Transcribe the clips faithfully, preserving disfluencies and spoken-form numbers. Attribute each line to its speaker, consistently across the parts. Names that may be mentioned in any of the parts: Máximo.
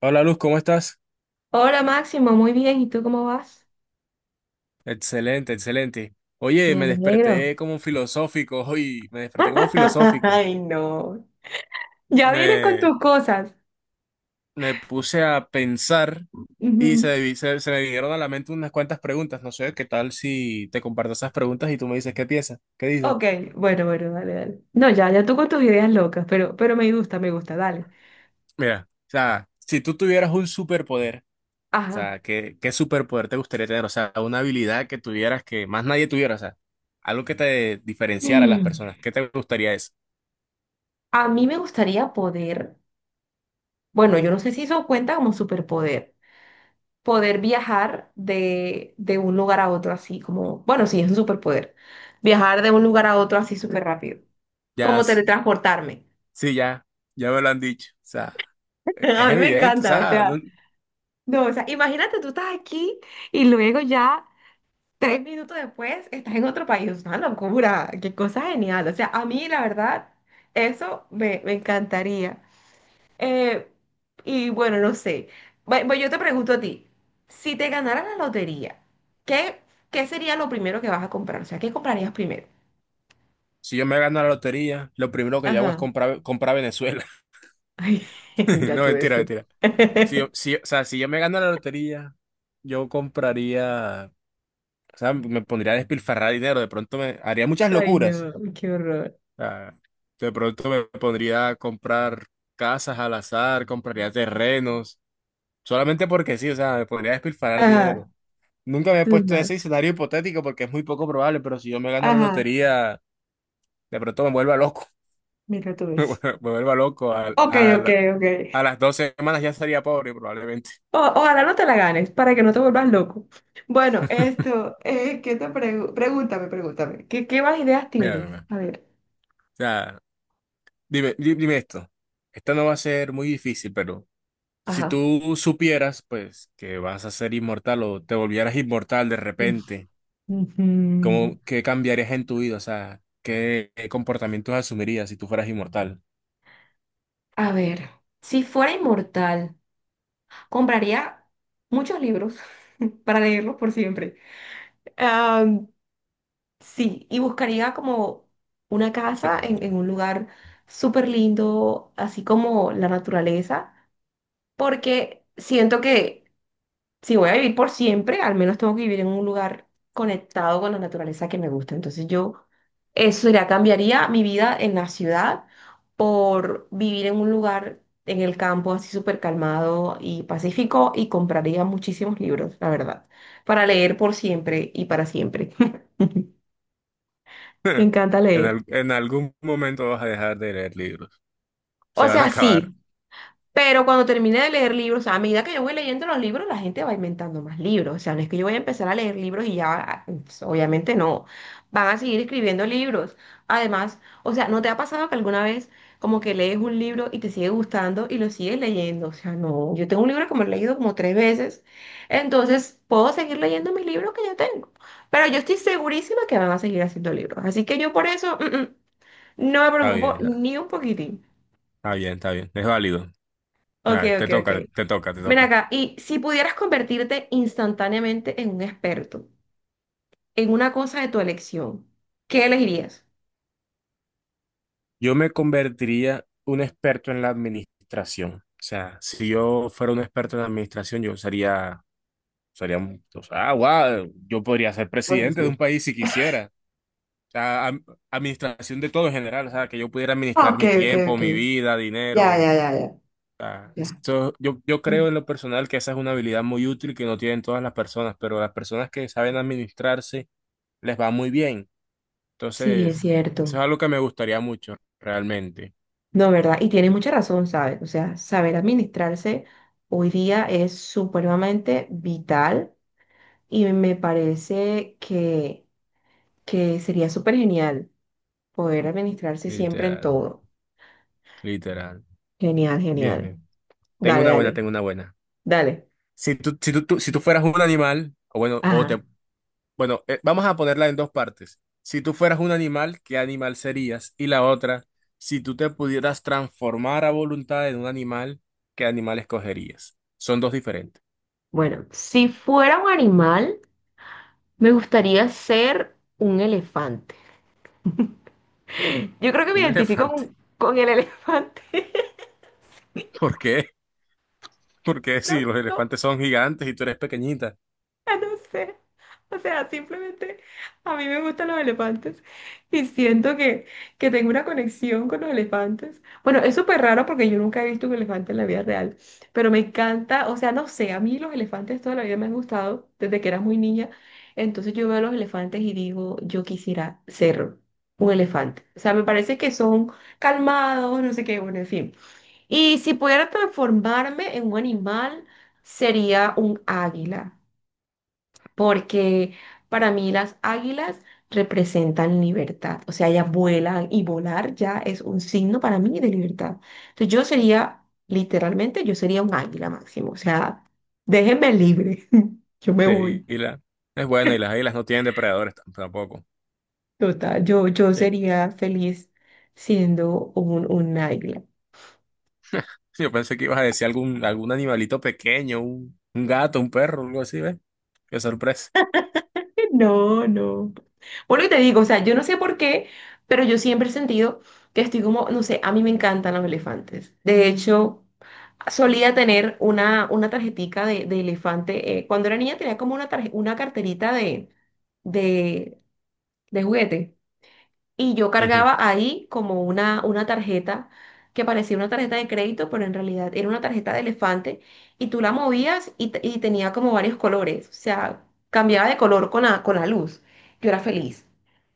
Speaker 1: Hola Luz, ¿cómo estás?
Speaker 2: Hola Máximo, muy bien. ¿Y tú cómo vas?
Speaker 1: Excelente, excelente. Oye,
Speaker 2: Me
Speaker 1: me
Speaker 2: alegro.
Speaker 1: desperté como filosófico hoy, me desperté como filosófico.
Speaker 2: Ay, no. Ya vienes con
Speaker 1: Me,
Speaker 2: tus cosas.
Speaker 1: me puse a pensar y
Speaker 2: Ujú.
Speaker 1: se, vi- se, se me vinieron a la mente unas cuantas preguntas. No sé, ¿qué tal si te comparto esas preguntas y tú me dices qué piensas? ¿Qué dices?
Speaker 2: Ok, bueno, bueno, dale, dale. No, ya, ya tú con tus ideas locas, pero, pero me gusta, me gusta, dale.
Speaker 1: Mira, o sea, si tú tuvieras un superpoder, o
Speaker 2: Ajá.
Speaker 1: sea, ¿qué, qué superpoder te gustaría tener? O sea, una habilidad que tuvieras que más nadie tuviera, o sea, algo que te diferenciara a las
Speaker 2: Mm.
Speaker 1: personas. ¿Qué te gustaría eso?
Speaker 2: A mí me gustaría poder, bueno, yo no sé si eso cuenta como superpoder, poder viajar de, de un lugar a otro así, como, bueno, sí, es un superpoder. Viajar de un lugar a otro así súper rápido,
Speaker 1: Ya.
Speaker 2: como teletransportarme.
Speaker 1: Sí, ya, ya me lo han dicho. O sea, e-
Speaker 2: A
Speaker 1: es
Speaker 2: mí me
Speaker 1: evidente, o
Speaker 2: encanta, o
Speaker 1: sea,
Speaker 2: sea.
Speaker 1: no-
Speaker 2: No, o sea, imagínate, tú estás aquí y luego ya tres minutos después estás en otro país. Es una locura, qué cosa genial. O sea, a mí la verdad, eso me, me encantaría. Eh, y bueno, no sé. Bu- Bueno, yo te pregunto a ti, si te ganara la lotería, ¿qué, qué sería lo primero que vas a comprar? O sea, ¿qué comprarías primero?
Speaker 1: Si yo me gano la lotería, lo primero que yo hago es
Speaker 2: Ajá.
Speaker 1: comprar, comprar Venezuela.
Speaker 2: Ay, mira
Speaker 1: No,
Speaker 2: tú
Speaker 1: mentira,
Speaker 2: eso.
Speaker 1: mentira. Si yo, si, o sea, si yo me gano la lotería, yo compraría, o sea, me pondría a despilfarrar dinero, de pronto me haría muchas
Speaker 2: Ay,
Speaker 1: locuras.
Speaker 2: no, qué horror.
Speaker 1: O sea, de pronto me pondría a comprar casas al azar, compraría terrenos, solamente porque sí, o sea, me pondría a despilfarrar
Speaker 2: Ajá,
Speaker 1: dinero. Nunca me he puesto
Speaker 2: no.
Speaker 1: ese escenario hipotético porque es muy poco probable, pero si yo me gano la
Speaker 2: Ajá,
Speaker 1: lotería, de pronto me vuelva loco,
Speaker 2: mira tú
Speaker 1: me
Speaker 2: eso.
Speaker 1: vuelva loco. Al-
Speaker 2: Ok, ok,
Speaker 1: al-
Speaker 2: ok.
Speaker 1: a las dos semanas ya sería pobre, probablemente.
Speaker 2: O- ojalá no te la ganes para que no te vuelvas loco. Bueno, esto, eh, ¿qué te pregu- pregúntame, pregúntame. ¿Qué, qué más ideas
Speaker 1: Mira,
Speaker 2: tienes?
Speaker 1: mira,
Speaker 2: A ver.
Speaker 1: o sea, dime, di- dime esto. Esta no va a ser muy difícil, pero si
Speaker 2: Ajá.
Speaker 1: tú supieras, pues, que vas a ser inmortal o te volvieras inmortal de repente,
Speaker 2: Ujú.
Speaker 1: ¿cómo, qué cambiarías en tu vida? O sea, ¿qué, qué comportamientos asumirías si tú fueras inmortal?
Speaker 2: A ver, si fuera inmortal, compraría muchos libros para leerlos por siempre. Am, sí, y buscaría como una
Speaker 1: So-
Speaker 2: casa en, en un lugar súper lindo, así como la naturaleza, porque siento que si voy a vivir por siempre, al menos tengo que vivir en un lugar conectado con la naturaleza que me gusta. Entonces yo, eso ya cambiaría mi vida en la ciudad por vivir en un lugar en el campo así súper calmado y pacífico, y compraría muchísimos libros, la verdad, para leer por siempre y para siempre. Me encanta
Speaker 1: En,
Speaker 2: leer.
Speaker 1: al- en algún momento vas a dejar de leer libros. Se
Speaker 2: O
Speaker 1: van a
Speaker 2: sea,
Speaker 1: acabar.
Speaker 2: sí, pero cuando termine de leer libros, o sea, a medida que yo voy leyendo los libros, la gente va inventando más libros. O sea, no es que yo voy a empezar a leer libros y ya, ah, pues, obviamente no. Van a seguir escribiendo libros. Además, o sea, ¿no te ha pasado que alguna vez como que lees un libro y te sigue gustando y lo sigues leyendo? O sea, no. Yo tengo un libro que me lo he leído como tres veces. Entonces, puedo seguir leyendo mis libros que yo tengo. Pero yo estoy segurísima que van a seguir haciendo libros. Así que yo por eso, mm, mm, no me
Speaker 1: Está
Speaker 2: preocupo
Speaker 1: bien, está
Speaker 2: ni un poquitín.
Speaker 1: está bien, está bien. Es válido.
Speaker 2: Ok,
Speaker 1: Dale, te
Speaker 2: ok, ok.
Speaker 1: toca, te toca, te
Speaker 2: Ven
Speaker 1: toca.
Speaker 2: acá, y si pudieras convertirte instantáneamente en un experto, en una cosa de tu elección, ¿qué elegirías?
Speaker 1: Yo me convertiría un experto en la administración. O sea, si yo fuera un experto en la administración, yo sería, sería, un- o sea, ah, wow, yo podría ser presidente de un país si quisiera. O sea, am- administración de todo en general. O sea, que yo pudiera
Speaker 2: Ah,
Speaker 1: administrar
Speaker 2: ok,
Speaker 1: mi
Speaker 2: ok,
Speaker 1: tiempo,
Speaker 2: ok.
Speaker 1: mi vida, dinero.
Speaker 2: Ya,
Speaker 1: O
Speaker 2: ya, ya, ya,
Speaker 1: sea,
Speaker 2: ya.
Speaker 1: esto- yo, yo
Speaker 2: Mm.
Speaker 1: creo en lo personal que esa es una habilidad muy útil que no tienen todas las personas, pero las personas que saben administrarse les va muy bien.
Speaker 2: Sí, es
Speaker 1: Entonces, eso
Speaker 2: cierto.
Speaker 1: es algo que me gustaría mucho, realmente.
Speaker 2: No, ¿verdad? Y tienes mucha razón, ¿sabes? O sea, saber administrarse hoy día es supremamente vital y me parece que, que sería súper genial poder administrarse siempre en
Speaker 1: Literal,
Speaker 2: todo.
Speaker 1: literal.
Speaker 2: Genial,
Speaker 1: Bien,
Speaker 2: genial.
Speaker 1: bien. Tengo
Speaker 2: Dale,
Speaker 1: una buena,
Speaker 2: dale,
Speaker 1: tengo una buena.
Speaker 2: dale.
Speaker 1: Si tú, si tú, tú- si tú fueras un animal, o bueno, o
Speaker 2: Ajá.
Speaker 1: te, bueno, eh, vamos a ponerla en dos partes. Si tú fueras un animal, ¿qué animal serías? Y la otra, si tú te pudieras transformar a voluntad en un animal, ¿qué animal escogerías? Son dos diferentes.
Speaker 2: Bueno, si fuera un animal, me gustaría ser un elefante. Yo creo que me
Speaker 1: Un
Speaker 2: identifico
Speaker 1: elefante.
Speaker 2: con, con el elefante.
Speaker 1: ¿Por qué? Porque si
Speaker 2: No,
Speaker 1: los
Speaker 2: no.
Speaker 1: elefantes son gigantes y tú eres pequeñita.
Speaker 2: No sé. O sea, simplemente a mí me gustan los elefantes y siento que, que tengo una conexión con los elefantes. Bueno, es súper raro porque yo nunca he visto un elefante en la vida real, pero me encanta, o sea, no sé, a mí los elefantes toda la vida me han gustado desde que era muy niña. Entonces yo veo a los elefantes y digo, yo quisiera ser un elefante. O sea, me parece que son calmados, no sé qué, bueno, en fin. Y si pudiera transformarme en un animal, sería un águila porque para mí las águilas representan libertad, o sea, ellas vuelan y volar ya es un signo para mí de libertad. Entonces yo sería, literalmente, yo sería un águila, Máximo, o sea, déjenme libre, yo me
Speaker 1: Sí,
Speaker 2: voy,
Speaker 1: y la, es buena y las águilas no tienen depredadores tam- tampoco.
Speaker 2: total, yo, yo
Speaker 1: Sí.
Speaker 2: sería feliz siendo un, un águila.
Speaker 1: Sí, yo pensé que ibas a decir algún, algún animalito pequeño, un, un gato, un perro, algo así, ¿ves? Qué sorpresa.
Speaker 2: No, no. Bueno, y te digo, o sea, yo no sé por qué, pero yo siempre he sentido que estoy como, no sé, a mí me encantan los elefantes. De hecho, solía tener una, una tarjetica de, de elefante. Eh, cuando era niña tenía como una, tarje- una carterita de, de, de juguete. Y yo
Speaker 1: Ujú.
Speaker 2: cargaba ahí como una, una tarjeta que parecía una tarjeta de crédito, pero en realidad era una tarjeta de elefante. Y tú la movías y, te- y tenía como varios colores. O sea, cambiaba de color con la, con la luz. Yo era feliz.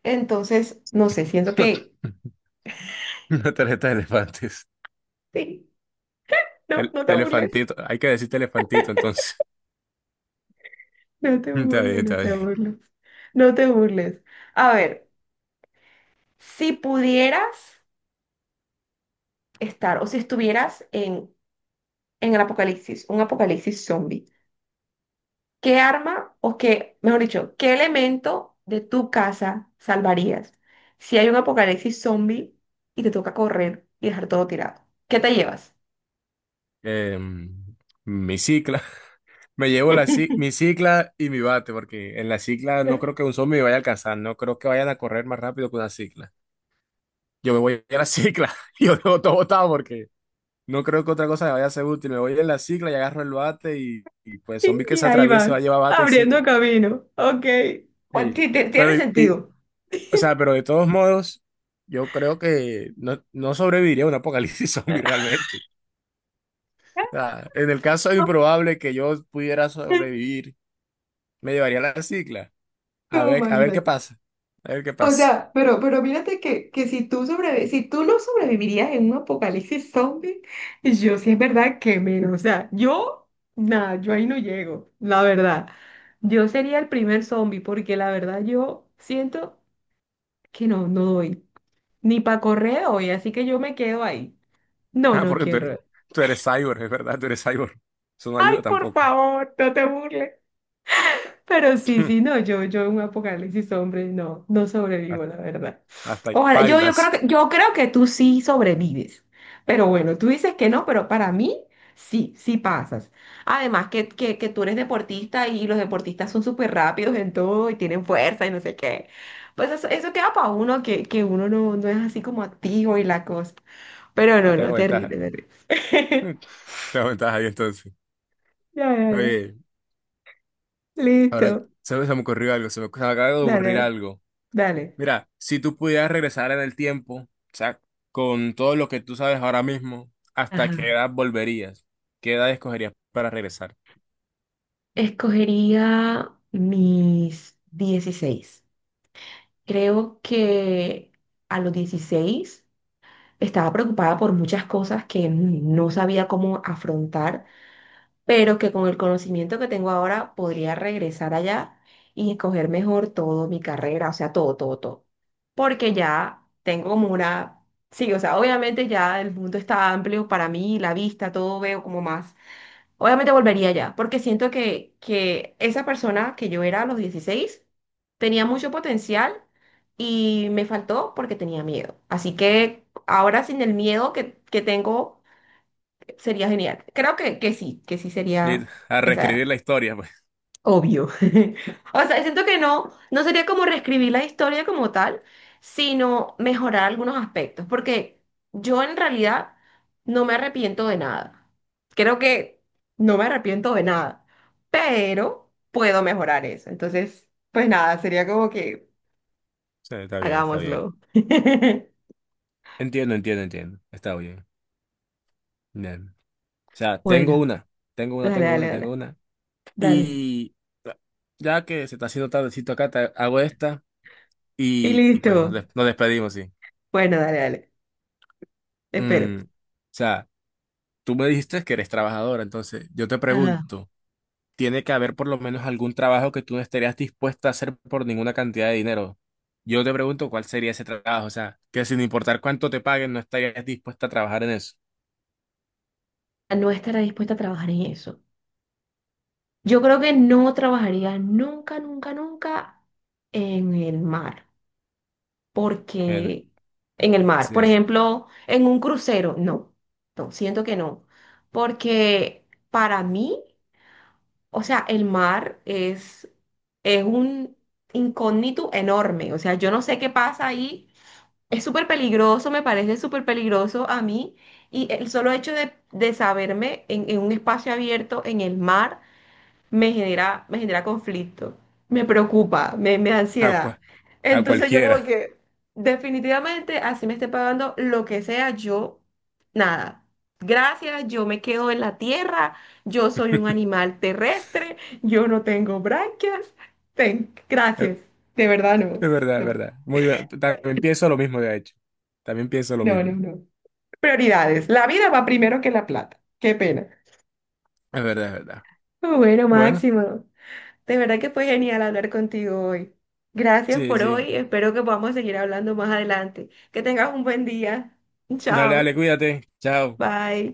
Speaker 2: Entonces, no sé, siento que...
Speaker 1: Una tarjeta de elefantes.
Speaker 2: Sí, no,
Speaker 1: El,
Speaker 2: no te burles.
Speaker 1: elefantito, hay que decirte elefantito entonces.
Speaker 2: No te
Speaker 1: Está bien,
Speaker 2: burles, no
Speaker 1: está
Speaker 2: te
Speaker 1: bien.
Speaker 2: burles. No te burles. A ver. Si pudieras estar o si estuvieras en, en el apocalipsis, un apocalipsis zombie, ¿qué arma o qué, mejor dicho, qué elemento de tu casa salvarías si hay un apocalipsis zombie y te toca correr y dejar todo tirado? ¿Qué te llevas?
Speaker 1: Em, mi cicla. Me llevo la, ci- mi cicla y mi bate, porque en la cicla no creo que un zombie me vaya a alcanzar, no creo que vayan a correr más rápido que una cicla. Yo me voy a la cicla, y yo dejo todo botado porque no creo que otra cosa me vaya a ser útil. Me voy en la cicla y agarro el bate y, y, pues zombie que
Speaker 2: Y
Speaker 1: se
Speaker 2: ahí va,
Speaker 1: atraviese va a llevar bate y
Speaker 2: abriendo
Speaker 1: cicla.
Speaker 2: camino. Ok. Bueno,
Speaker 1: Sí.
Speaker 2: ti- ti- tiene
Speaker 1: Pero, y, y-
Speaker 2: sentido.
Speaker 1: o sea, pero de todos modos, yo creo que no, no sobreviviría a un apocalipsis zombie realmente. O sea, en el caso improbable que yo pudiera sobrevivir, me llevaría la cicla.
Speaker 2: Tú,
Speaker 1: A ver, a ver qué
Speaker 2: imagínate.
Speaker 1: pasa. A ver qué
Speaker 2: O
Speaker 1: pasa.
Speaker 2: sea, pero, pero mírate que, que si tú sobrevi- si tú no sobrevivirías en un apocalipsis zombie, yo sí es verdad que menos. O sea, yo, nada, yo ahí no llego, la verdad. Yo sería el primer zombie porque la verdad yo siento que no, no doy. Ni para correr hoy, así que yo me quedo ahí. No,
Speaker 1: Ah,
Speaker 2: no
Speaker 1: porque tú eres,
Speaker 2: quiero.
Speaker 1: tú eres cyborg, es verdad, tú eres cyborg. Eso no
Speaker 2: Ay,
Speaker 1: ayuda
Speaker 2: por
Speaker 1: tampoco.
Speaker 2: favor, no te burles. Pero sí, sí, no, yo, yo en un apocalipsis hombre, no, no
Speaker 1: Hasta
Speaker 2: sobrevivo, la verdad.
Speaker 1: hasta ahí,
Speaker 2: Ojalá, yo, yo creo
Speaker 1: bailas.
Speaker 2: que, yo creo que tú sí sobrevives. Pero bueno, tú dices que no, pero para mí sí, sí pasas. Además que, que, que tú eres deportista y los deportistas son súper rápidos en todo y tienen fuerza y no sé qué. Pues eso, eso queda para uno, que, que uno no, no es así como activo y la cosa. Pero
Speaker 1: Ah,
Speaker 2: no,
Speaker 1: tengo
Speaker 2: no,
Speaker 1: ventaja.
Speaker 2: terrible, terrible.
Speaker 1: Tengo ventaja ahí entonces.
Speaker 2: Ya, ya, ya.
Speaker 1: Oye,
Speaker 2: Listo.
Speaker 1: ahora se, se me ocurrió algo, se me, se me acaba de ocurrir
Speaker 2: Dale,
Speaker 1: algo.
Speaker 2: dale.
Speaker 1: Mira, si tú pudieras regresar en el tiempo, o sea, con todo lo que tú sabes ahora mismo, ¿hasta qué
Speaker 2: Ajá.
Speaker 1: edad volverías? ¿Qué edad escogerías para regresar?
Speaker 2: Escogería mis dieciséis. Creo que a los dieciséis estaba preocupada por muchas cosas que no sabía cómo afrontar, pero que con el conocimiento que tengo ahora podría regresar allá y escoger mejor todo mi carrera, o sea, todo, todo, todo. Porque ya tengo como una... Sí, o sea, obviamente ya el mundo está amplio para mí, la vista, todo veo como más. Obviamente volvería allá porque siento que, que esa persona que yo era a los dieciséis tenía mucho potencial y me faltó porque tenía miedo. Así que ahora sin el miedo que, que tengo sería genial. Creo que, que sí, que sí
Speaker 1: Li-
Speaker 2: sería
Speaker 1: A
Speaker 2: esa edad.
Speaker 1: reescribir la historia, pues.
Speaker 2: Obvio. O sea, siento que no, no sería como reescribir la historia como tal, sino mejorar algunos aspectos, porque yo en realidad no me arrepiento de nada. Creo que no me arrepiento de nada, pero puedo mejorar eso. Entonces, pues nada, sería como que
Speaker 1: Sí, está bien, está bien.
Speaker 2: hagámoslo.
Speaker 1: Entiendo, entiendo, entiendo. Está bien. Bien. O sea, tengo
Speaker 2: Bueno,
Speaker 1: una, tengo una,
Speaker 2: dale,
Speaker 1: tengo
Speaker 2: dale,
Speaker 1: una, tengo
Speaker 2: dale,
Speaker 1: una.
Speaker 2: dale.
Speaker 1: Y ya que se está haciendo tardecito acá, te hago esta
Speaker 2: Y
Speaker 1: y, y pues nos,
Speaker 2: listo.
Speaker 1: des- nos despedimos, sí.
Speaker 2: Bueno, dale, dale. Espero.
Speaker 1: Mm, o sea. Tú me dijiste que eres trabajadora, entonces yo te
Speaker 2: Ajá.
Speaker 1: pregunto, ¿tiene que haber por lo menos algún trabajo que tú no estarías dispuesta a hacer por ninguna cantidad de dinero? Yo te pregunto cuál sería ese trabajo, o sea, que sin importar cuánto te paguen, no estarías dispuesta a trabajar en eso,
Speaker 2: No estará dispuesta a trabajar en eso. Yo creo que no trabajaría nunca, nunca, nunca en el mar,
Speaker 1: en-
Speaker 2: porque en el mar, por
Speaker 1: se-
Speaker 2: ejemplo, en un crucero, no, no, siento que no, porque para mí, o sea, el mar es, es un incógnito enorme, o sea, yo no sé qué pasa ahí, es súper peligroso, me parece súper peligroso a mí, y el solo hecho de, de saberme en en un espacio abierto en el mar, me genera, me genera conflicto, me preocupa, me, me da
Speaker 1: a,
Speaker 2: ansiedad.
Speaker 1: cua- a
Speaker 2: Entonces yo como
Speaker 1: cualquiera.
Speaker 2: que definitivamente así me esté pagando lo que sea, yo nada. Gracias, yo me quedo en la tierra, yo soy un animal terrestre, yo no tengo branquias. Ten, gracias, de verdad no,
Speaker 1: Es verdad, es
Speaker 2: no,
Speaker 1: verdad. Muy bien. También pienso lo mismo, de hecho. También pienso lo
Speaker 2: no, no,
Speaker 1: mismo.
Speaker 2: no. Prioridades, la vida va primero que la plata, qué pena.
Speaker 1: Es verdad, es verdad.
Speaker 2: Bueno,
Speaker 1: Bueno,
Speaker 2: Máximo. De verdad que fue genial hablar contigo hoy. Gracias
Speaker 1: sí,
Speaker 2: por
Speaker 1: sí.
Speaker 2: hoy. Espero que podamos seguir hablando más adelante. Que tengas un buen día.
Speaker 1: Dale,
Speaker 2: Chao.
Speaker 1: dale, cuídate. Chao.
Speaker 2: Bye.